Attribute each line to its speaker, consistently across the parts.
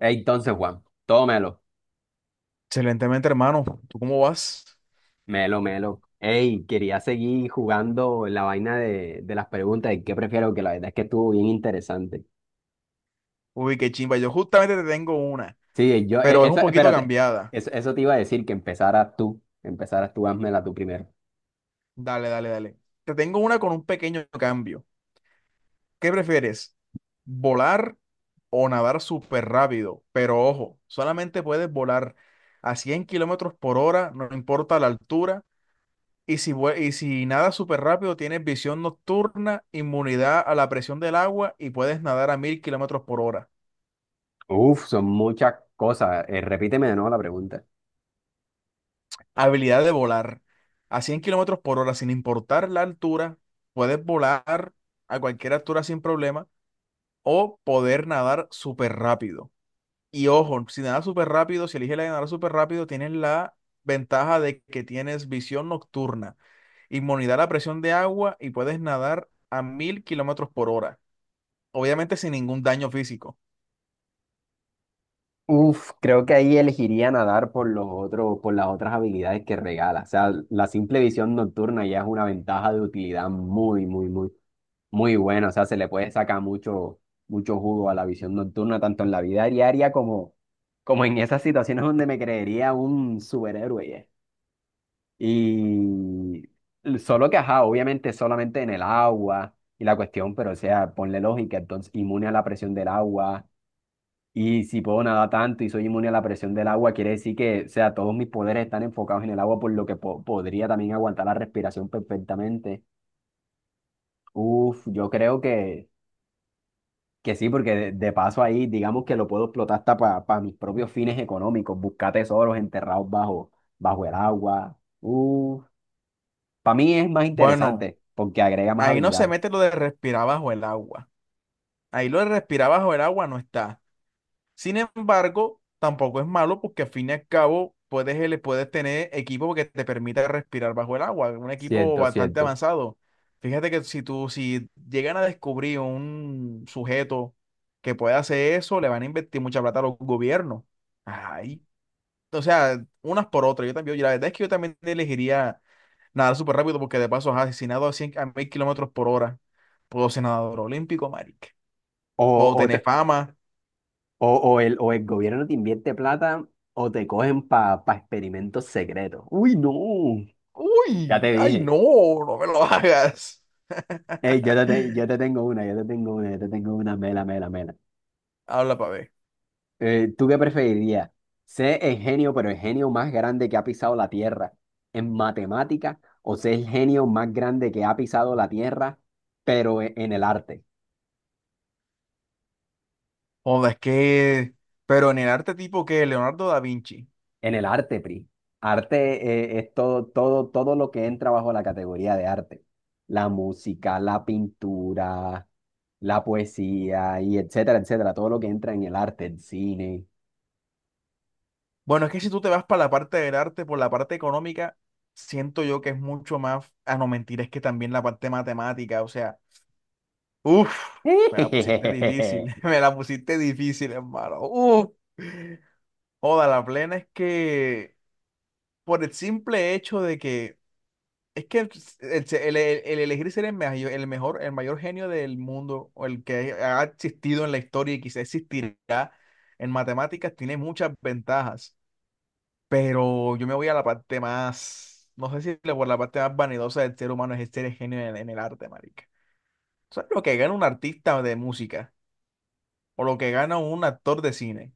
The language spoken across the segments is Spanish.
Speaker 1: Ey, entonces, Juan, tómelo,
Speaker 2: Excelentemente, hermano. ¿Tú cómo vas?
Speaker 1: melo, melo. Ey, quería seguir jugando la vaina de las preguntas de qué prefiero, que la verdad es que estuvo bien interesante.
Speaker 2: Uy, qué chimba. Yo justamente te tengo una,
Speaker 1: Sí, yo,
Speaker 2: pero es un
Speaker 1: eso,
Speaker 2: poquito
Speaker 1: espérate,
Speaker 2: cambiada.
Speaker 1: eso te iba a decir, que empezaras tú, házmela tú primero.
Speaker 2: Dale, dale, dale. Te tengo una con un pequeño cambio. ¿Qué prefieres? ¿Volar o nadar súper rápido? Pero ojo, solamente puedes volar a 100 km/h, no importa la altura. Y si nadas súper rápido, tienes visión nocturna, inmunidad a la presión del agua y puedes nadar a 1.000 km/h.
Speaker 1: Uf, son muchas cosas. Repíteme de nuevo la pregunta.
Speaker 2: Habilidad de volar. A 100 kilómetros por hora, sin importar la altura, puedes volar a cualquier altura sin problema o poder nadar súper rápido. Y ojo, si nadas súper rápido, si eliges la de nadar súper rápido, tienes la ventaja de que tienes visión nocturna, inmunidad a la presión de agua y puedes nadar a 1000 kilómetros por hora. Obviamente sin ningún daño físico.
Speaker 1: Uf, creo que ahí elegiría nadar por los otros, por las otras habilidades que regala. O sea, la simple visión nocturna ya es una ventaja de utilidad muy, muy, muy, muy bueno. O sea, se le puede sacar mucho, mucho jugo a la visión nocturna, tanto en la vida diaria como, como en esas situaciones donde me creería un superhéroe. Ya. Y solo que, ajá, obviamente solamente en el agua y la cuestión, pero o sea, ponle lógica, entonces inmune a la presión del agua. Y si puedo nadar tanto y soy inmune a la presión del agua, quiere decir que, o sea, todos mis poderes están enfocados en el agua, por lo que podría también aguantar la respiración perfectamente. Uf, yo creo que sí, porque de paso ahí, digamos que lo puedo explotar hasta para mis propios fines económicos, buscar tesoros enterrados bajo el agua. Para mí es más
Speaker 2: Bueno,
Speaker 1: interesante porque agrega más
Speaker 2: ahí no
Speaker 1: habilidad.
Speaker 2: se mete lo de respirar bajo el agua. Ahí lo de respirar bajo el agua no está. Sin embargo, tampoco es malo porque al fin y al cabo puedes, ele- puedes tener equipo que te permita respirar bajo el agua, un equipo
Speaker 1: Cierto,
Speaker 2: bastante
Speaker 1: cierto.
Speaker 2: avanzado. Fíjate que si llegan a descubrir un sujeto que puede hacer eso, le van a invertir mucha plata a los gobiernos. Ay, o sea, unas por otras. Yo también, yo la verdad es que yo también elegiría nadar súper rápido porque de paso, ajá, si nado a 1.000 km/h, puedo ser nadador olímpico, marica. Puedo
Speaker 1: O, o,
Speaker 2: tener
Speaker 1: te-
Speaker 2: fama.
Speaker 1: o el gobierno te invierte plata o te cogen para experimentos secretos. Uy, no. Ya
Speaker 2: Uy,
Speaker 1: te
Speaker 2: ay,
Speaker 1: dije.
Speaker 2: no, no me lo hagas.
Speaker 1: Ey, yo te tengo una, mela, mela, mela.
Speaker 2: Habla para ver.
Speaker 1: ¿Tú qué preferirías? ¿Ser el genio, pero el genio más grande que ha pisado la Tierra en matemática, o ser el genio más grande que ha pisado la Tierra, pero en el arte?
Speaker 2: Joda, es que, pero en el arte tipo que Leonardo da Vinci.
Speaker 1: En el arte, Pri. Arte, es todo, todo, todo lo que entra bajo la categoría de arte. La música, la pintura, la poesía y etcétera, etcétera. Todo lo que entra en el arte, el cine.
Speaker 2: Bueno, es que si tú te vas para la parte del arte, por la parte económica, siento yo que es mucho más, a no mentir, es que también la parte matemática, o sea, uff, me la pusiste difícil, me la pusiste difícil, hermano. Uff, joda, la plena es que por el simple hecho de que es que el elegir ser el mayor, el mejor, el mayor genio del mundo o el que ha existido en la historia y quizá existirá en matemáticas tiene muchas ventajas, pero yo me voy a la parte más, no sé si le- por la parte más vanidosa del ser humano es ser el genio en el arte, marica. ¿Sabes lo que gana un artista de música o lo que gana un actor de cine?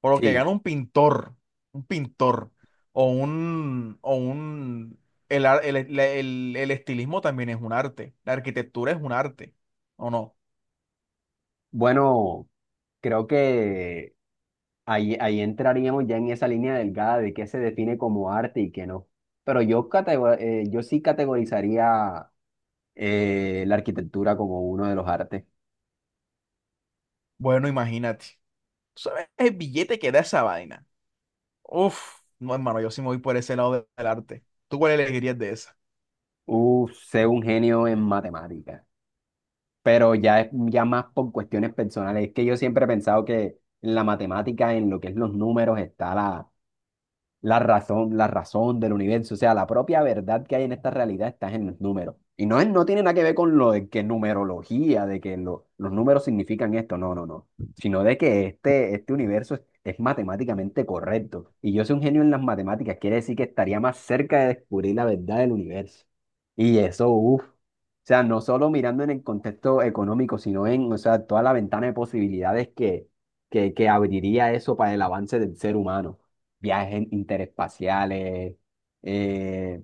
Speaker 2: Por lo que
Speaker 1: Sí.
Speaker 2: gana un pintor, o un, o un, el, ar- el estilismo también es un arte, la arquitectura es un arte, ¿o no?
Speaker 1: Bueno, creo que ahí, ahí entraríamos ya en esa línea delgada de qué se define como arte y qué no. Pero yo sí categorizaría, la arquitectura como uno de los artes.
Speaker 2: Bueno, imagínate, ¿tú sabes el billete que da esa vaina? Uf, no, hermano, yo sí me voy por ese lado del arte. ¿Tú cuál elegirías de esa?
Speaker 1: Sé un genio en matemáticas, pero ya es ya más por cuestiones personales. Es que yo siempre he pensado que en la matemática, en lo que es los números, está la la razón del universo, o sea, la propia verdad que hay en esta realidad está en los números. Y no, no tiene nada que ver con lo de que numerología, de que los números significan esto, no, no, no, sino de que este universo es matemáticamente correcto. Y yo soy un genio en las matemáticas, quiere decir que estaría más cerca de descubrir la verdad del universo. Y eso, uff. O sea, no solo mirando en el contexto económico, sino en, o sea, toda la ventana de posibilidades que abriría eso para el avance del ser humano, viajes interespaciales, eh,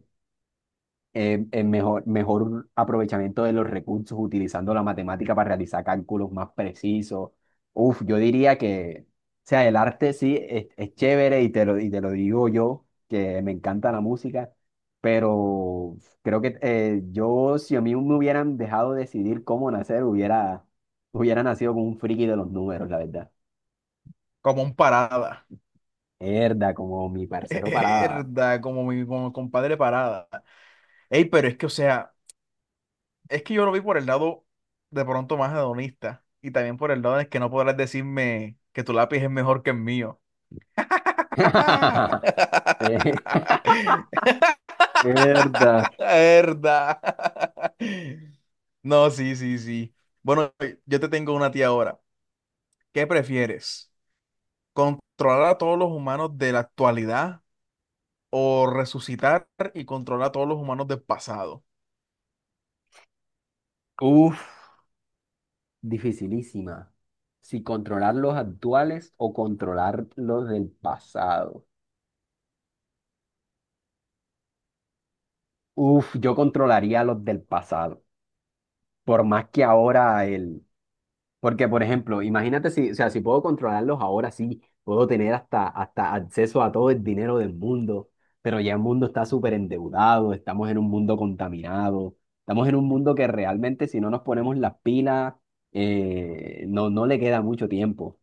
Speaker 1: mejor aprovechamiento de los recursos utilizando la matemática para realizar cálculos más precisos. Uf, yo diría que, o sea, el arte sí es chévere, y te lo digo yo, que me encanta la música, pero creo que yo, si a mí me hubieran dejado decidir cómo nacer, hubiera nacido con un friki de los números, la verdad.
Speaker 2: Como un parada,
Speaker 1: Herda, como mi parcero Parada.
Speaker 2: verdad, como mi compadre parada. Ey, pero es que, o sea... Es que yo lo vi por el lado de pronto más hedonista y también por el lado de que no podrás decirme que tu lápiz es mejor que el mío.
Speaker 1: Eh, Verdad.
Speaker 2: La verdad. No, sí, sí, sí. Bueno, yo te tengo una tía ahora. ¿Qué prefieres? ¿Controlar a todos los humanos de la actualidad o resucitar y controlar a todos los humanos del pasado?
Speaker 1: Uf, dificilísima. Si controlar los actuales o controlar los del pasado. Uf, yo controlaría los del pasado. Por más que ahora el, porque, por ejemplo, imagínate si, o sea, si puedo controlarlos ahora sí, puedo tener hasta, hasta acceso a todo el dinero del mundo, pero ya el mundo está súper endeudado, estamos en un mundo contaminado, estamos en un mundo que realmente si no nos ponemos las pilas, no, no le queda mucho tiempo.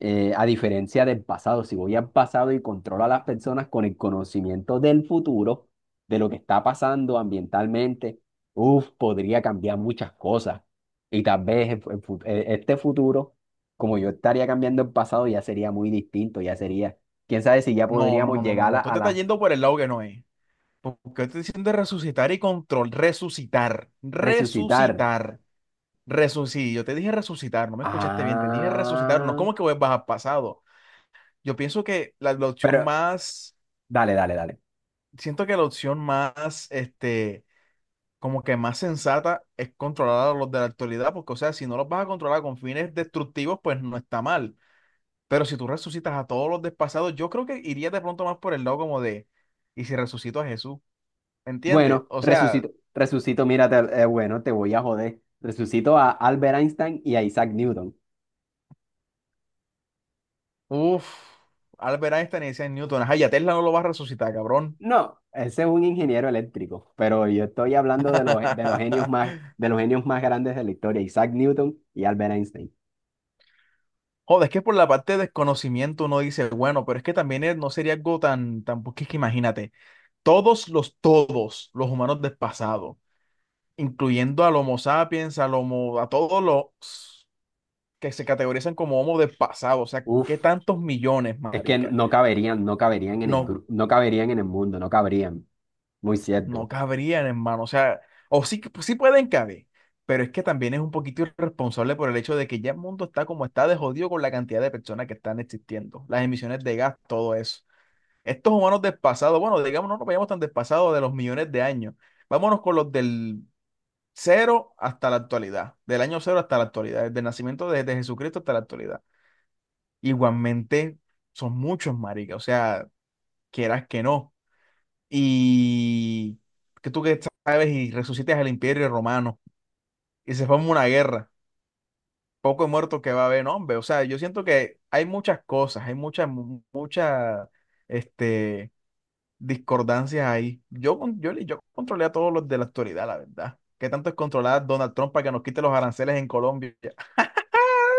Speaker 1: A diferencia del pasado, si voy al pasado y controlo a las personas con el conocimiento del futuro, de lo que está pasando ambientalmente, uf, podría cambiar muchas cosas. Y tal vez el este futuro, como yo estaría cambiando el pasado, ya sería muy distinto, ya sería, quién sabe si ya
Speaker 2: No, no,
Speaker 1: podríamos
Speaker 2: no, no, no,
Speaker 1: llegar
Speaker 2: no. Tú
Speaker 1: a
Speaker 2: te estás
Speaker 1: la
Speaker 2: yendo por el lado que no es. Porque estoy diciendo resucitar y control. Resucitar.
Speaker 1: resucitar.
Speaker 2: Resucitar. Resucitar. Yo te dije resucitar, no me escuchaste bien. Te dije resucitar. No es
Speaker 1: Ah,
Speaker 2: como que vuelvas al pasado. Yo pienso que la opción
Speaker 1: pero
Speaker 2: más.
Speaker 1: dale, dale, dale.
Speaker 2: Siento que la opción más, como que más sensata es controlar a los de la actualidad, porque, o sea, si no los vas a controlar con fines destructivos, pues no está mal. Pero si tú resucitas a todos los del pasado, yo creo que iría de pronto más por el lado como de, ¿y si resucito a Jesús? ¿Entiendes?
Speaker 1: Bueno,
Speaker 2: O sea,
Speaker 1: mira, bueno, te voy a joder. Resucito a Albert Einstein y a Isaac Newton.
Speaker 2: uf, Albert Einstein y Isaac Newton. Ajá, ya Tesla no lo va a resucitar, cabrón.
Speaker 1: No, ese es un ingeniero eléctrico, pero yo estoy hablando de los, de los genios más grandes de la historia, Isaac Newton y Albert Einstein.
Speaker 2: Joder, es que por la parte de desconocimiento uno dice, bueno, pero es que también no sería algo tan, tan, porque es que imagínate, todos los humanos del pasado, incluyendo al Homo sapiens, al Homo, a todos los que se categorizan como Homo del pasado, o sea, ¿qué
Speaker 1: Uf,
Speaker 2: tantos millones,
Speaker 1: es que
Speaker 2: marica?
Speaker 1: no caberían, no caberían en el,
Speaker 2: No,
Speaker 1: no caberían en el mundo, no caberían. Muy cierto.
Speaker 2: no cabrían, hermano. O sea, o sí, sí pueden caber, pero es que también es un poquito irresponsable por el hecho de que ya el mundo está como está de jodido con la cantidad de personas que están existiendo, las emisiones de gas, todo eso. Estos humanos despasados, bueno, digamos, no nos vayamos tan despasados de los millones de años. Vámonos con los del cero hasta la actualidad, del año cero hasta la actualidad, desde el nacimiento de Jesucristo hasta la actualidad. Igualmente son muchos, marica, o sea, quieras que no y que tú que sabes y resucites al imperio romano y se forma una guerra, poco muerto que va a haber, no, hombre. O sea, yo siento que hay muchas cosas, hay muchas, muchas, este, discordancias ahí. Yo controlé a todos los de la actualidad, la verdad. ¿Qué tanto es controlar a Donald Trump para que nos quite los aranceles en Colombia?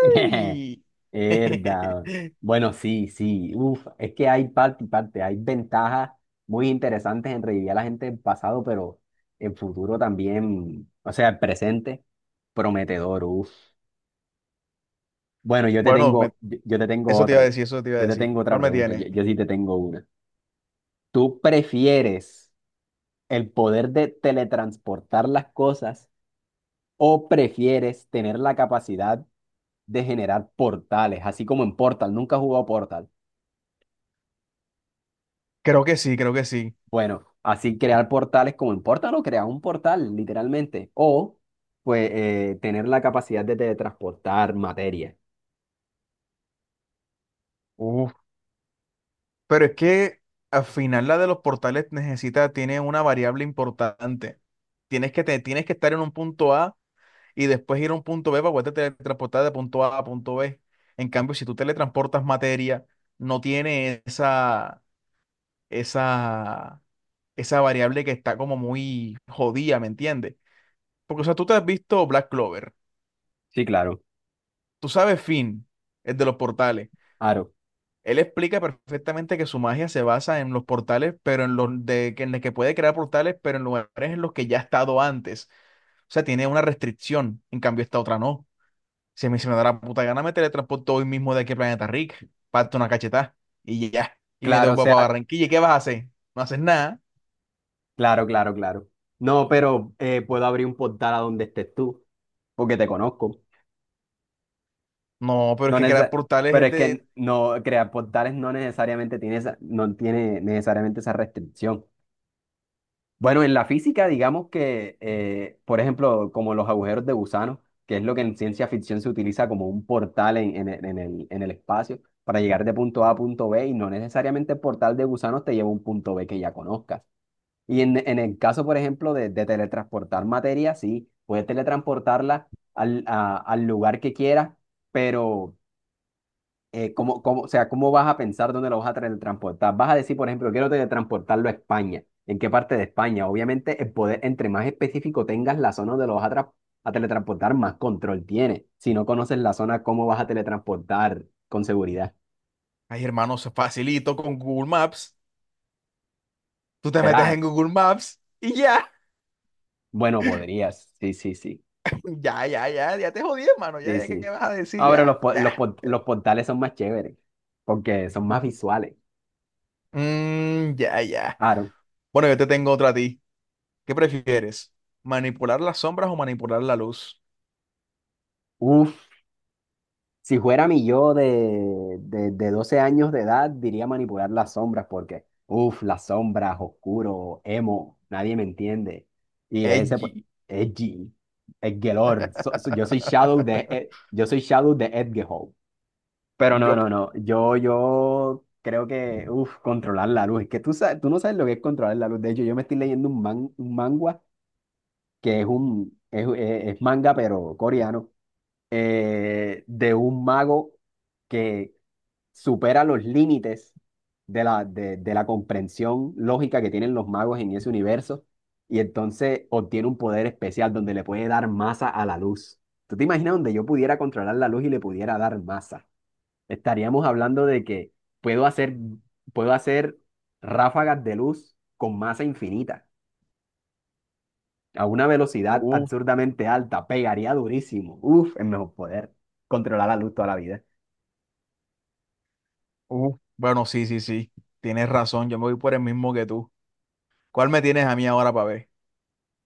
Speaker 1: Verdad. Bueno, sí, sí. Uf, es que hay parte y parte, hay ventajas muy interesantes en revivir a la gente del pasado, pero el futuro también, o sea, el presente, prometedor, uf. Bueno,
Speaker 2: Bueno, eso te iba a decir, eso te iba a
Speaker 1: yo te
Speaker 2: decir.
Speaker 1: tengo otra
Speaker 2: ¿Cuál me
Speaker 1: pregunta, yo,
Speaker 2: tiene?
Speaker 1: yo sí te tengo una. ¿Tú prefieres el poder de teletransportar las cosas, o prefieres tener la capacidad de generar portales, así como en Portal? Nunca has jugado Portal.
Speaker 2: Creo que sí, creo que sí.
Speaker 1: Bueno, así crear portales como en Portal, o crear un portal, literalmente. O, pues, tener la capacidad de teletransportar materia.
Speaker 2: Uf. Pero es que al final la de los portales necesita, tiene una variable importante. Tienes que, tienes que estar en un punto A y después ir a un punto B para poder teletransportar de punto A a punto B. En cambio, si tú teletransportas materia, no tiene esa, esa variable que está como muy jodida, ¿me entiendes? Porque, o sea, tú te has visto Black Clover,
Speaker 1: Sí, claro.
Speaker 2: tú sabes Finn, el de los portales.
Speaker 1: Claro,
Speaker 2: Él explica perfectamente que su magia se basa en los portales, pero en el que puede crear portales, pero en lugares en los que ya ha estado antes. O sea, tiene una restricción. En cambio, esta otra no. Si a mí se me da la puta gana, me teletransporto hoy mismo de aquí al planeta Rick, parto una cachetada y ya. Y me
Speaker 1: claro, o
Speaker 2: devuelvo para
Speaker 1: sea,
Speaker 2: Barranquilla. ¿Y qué vas a hacer? No haces nada.
Speaker 1: claro, claro, claro. No, pero puedo abrir un portal a donde estés tú, porque te conozco.
Speaker 2: No, pero es
Speaker 1: No
Speaker 2: que crear
Speaker 1: neces-
Speaker 2: portales
Speaker 1: Pero
Speaker 2: es
Speaker 1: es
Speaker 2: de.
Speaker 1: que no, crear portales no necesariamente tiene no tiene necesariamente esa restricción. Bueno, en la física, digamos que, por ejemplo, como los agujeros de gusano, que es lo que en ciencia ficción se utiliza como un portal en, en el espacio, para llegar de punto A a punto B, y no necesariamente el portal de gusanos te lleva a un punto B que ya conozcas. Y en el caso, por ejemplo, de teletransportar materia, sí, puedes teletransportarla al lugar que quieras, pero o sea, ¿cómo vas a pensar dónde lo vas a teletransportar? Vas a decir, por ejemplo, quiero teletransportarlo a España. ¿En qué parte de España? Obviamente, el poder, entre más específico tengas la zona donde lo vas a, a teletransportar, más control tiene. Si no conoces la zona, ¿cómo vas a teletransportar con seguridad?
Speaker 2: Ay, hermano, se facilito con Google Maps. Tú te metes
Speaker 1: ¿Será?
Speaker 2: en Google Maps y ya.
Speaker 1: Bueno, podrías. Sí, sí, sí.
Speaker 2: Ya, ya, ya. Ya te jodí, hermano. Ya,
Speaker 1: Sí,
Speaker 2: ya, ¿qué
Speaker 1: sí.
Speaker 2: vas a decir?
Speaker 1: Ahora
Speaker 2: Ya,
Speaker 1: los,
Speaker 2: ya.
Speaker 1: los portales son más chéveres, porque son más visuales.
Speaker 2: Mm, ya, ya.
Speaker 1: Claro.
Speaker 2: Bueno, yo te tengo otra a ti. ¿Qué prefieres? ¿Manipular las sombras o manipular la luz?
Speaker 1: Uf. Si fuera mi yo de, de 12 años de edad, diría manipular las sombras porque, uff, las sombras, oscuro, emo, nadie me entiende. Y ese, pues,
Speaker 2: Edgy.
Speaker 1: edgy, Edgelord. Yo soy Shadow de, yo soy Shadow de Edgehow. Pero no,
Speaker 2: Yo.
Speaker 1: no, no, yo creo que, uff, controlar la luz. Es que tú, sabes, tú no sabes lo que es controlar la luz. De hecho, yo me estoy leyendo un, un manga que es manga, pero coreano, de un mago que supera los límites de la comprensión lógica que tienen los magos en ese universo, y entonces obtiene un poder especial donde le puede dar masa a la luz. ¿Tú te imaginas donde yo pudiera controlar la luz y le pudiera dar masa? Estaríamos hablando de que puedo hacer, puedo hacer ráfagas de luz con masa infinita. A una velocidad
Speaker 2: Uh,
Speaker 1: absurdamente alta, pegaría durísimo. Uf, es mejor poder controlar la luz toda la vida.
Speaker 2: Bueno, sí, sí, sí. Tienes razón. Yo me voy por el mismo que tú. ¿Cuál me tienes a mí ahora para ver?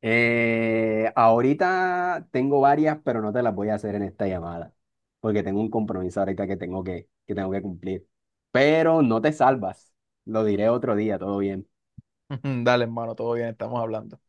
Speaker 1: Ahorita tengo varias, pero no te las voy a hacer en esta llamada, porque tengo un compromiso ahorita que tengo que tengo que cumplir. Pero no te salvas, lo diré otro día, todo bien.
Speaker 2: Dale, hermano, todo bien, estamos hablando.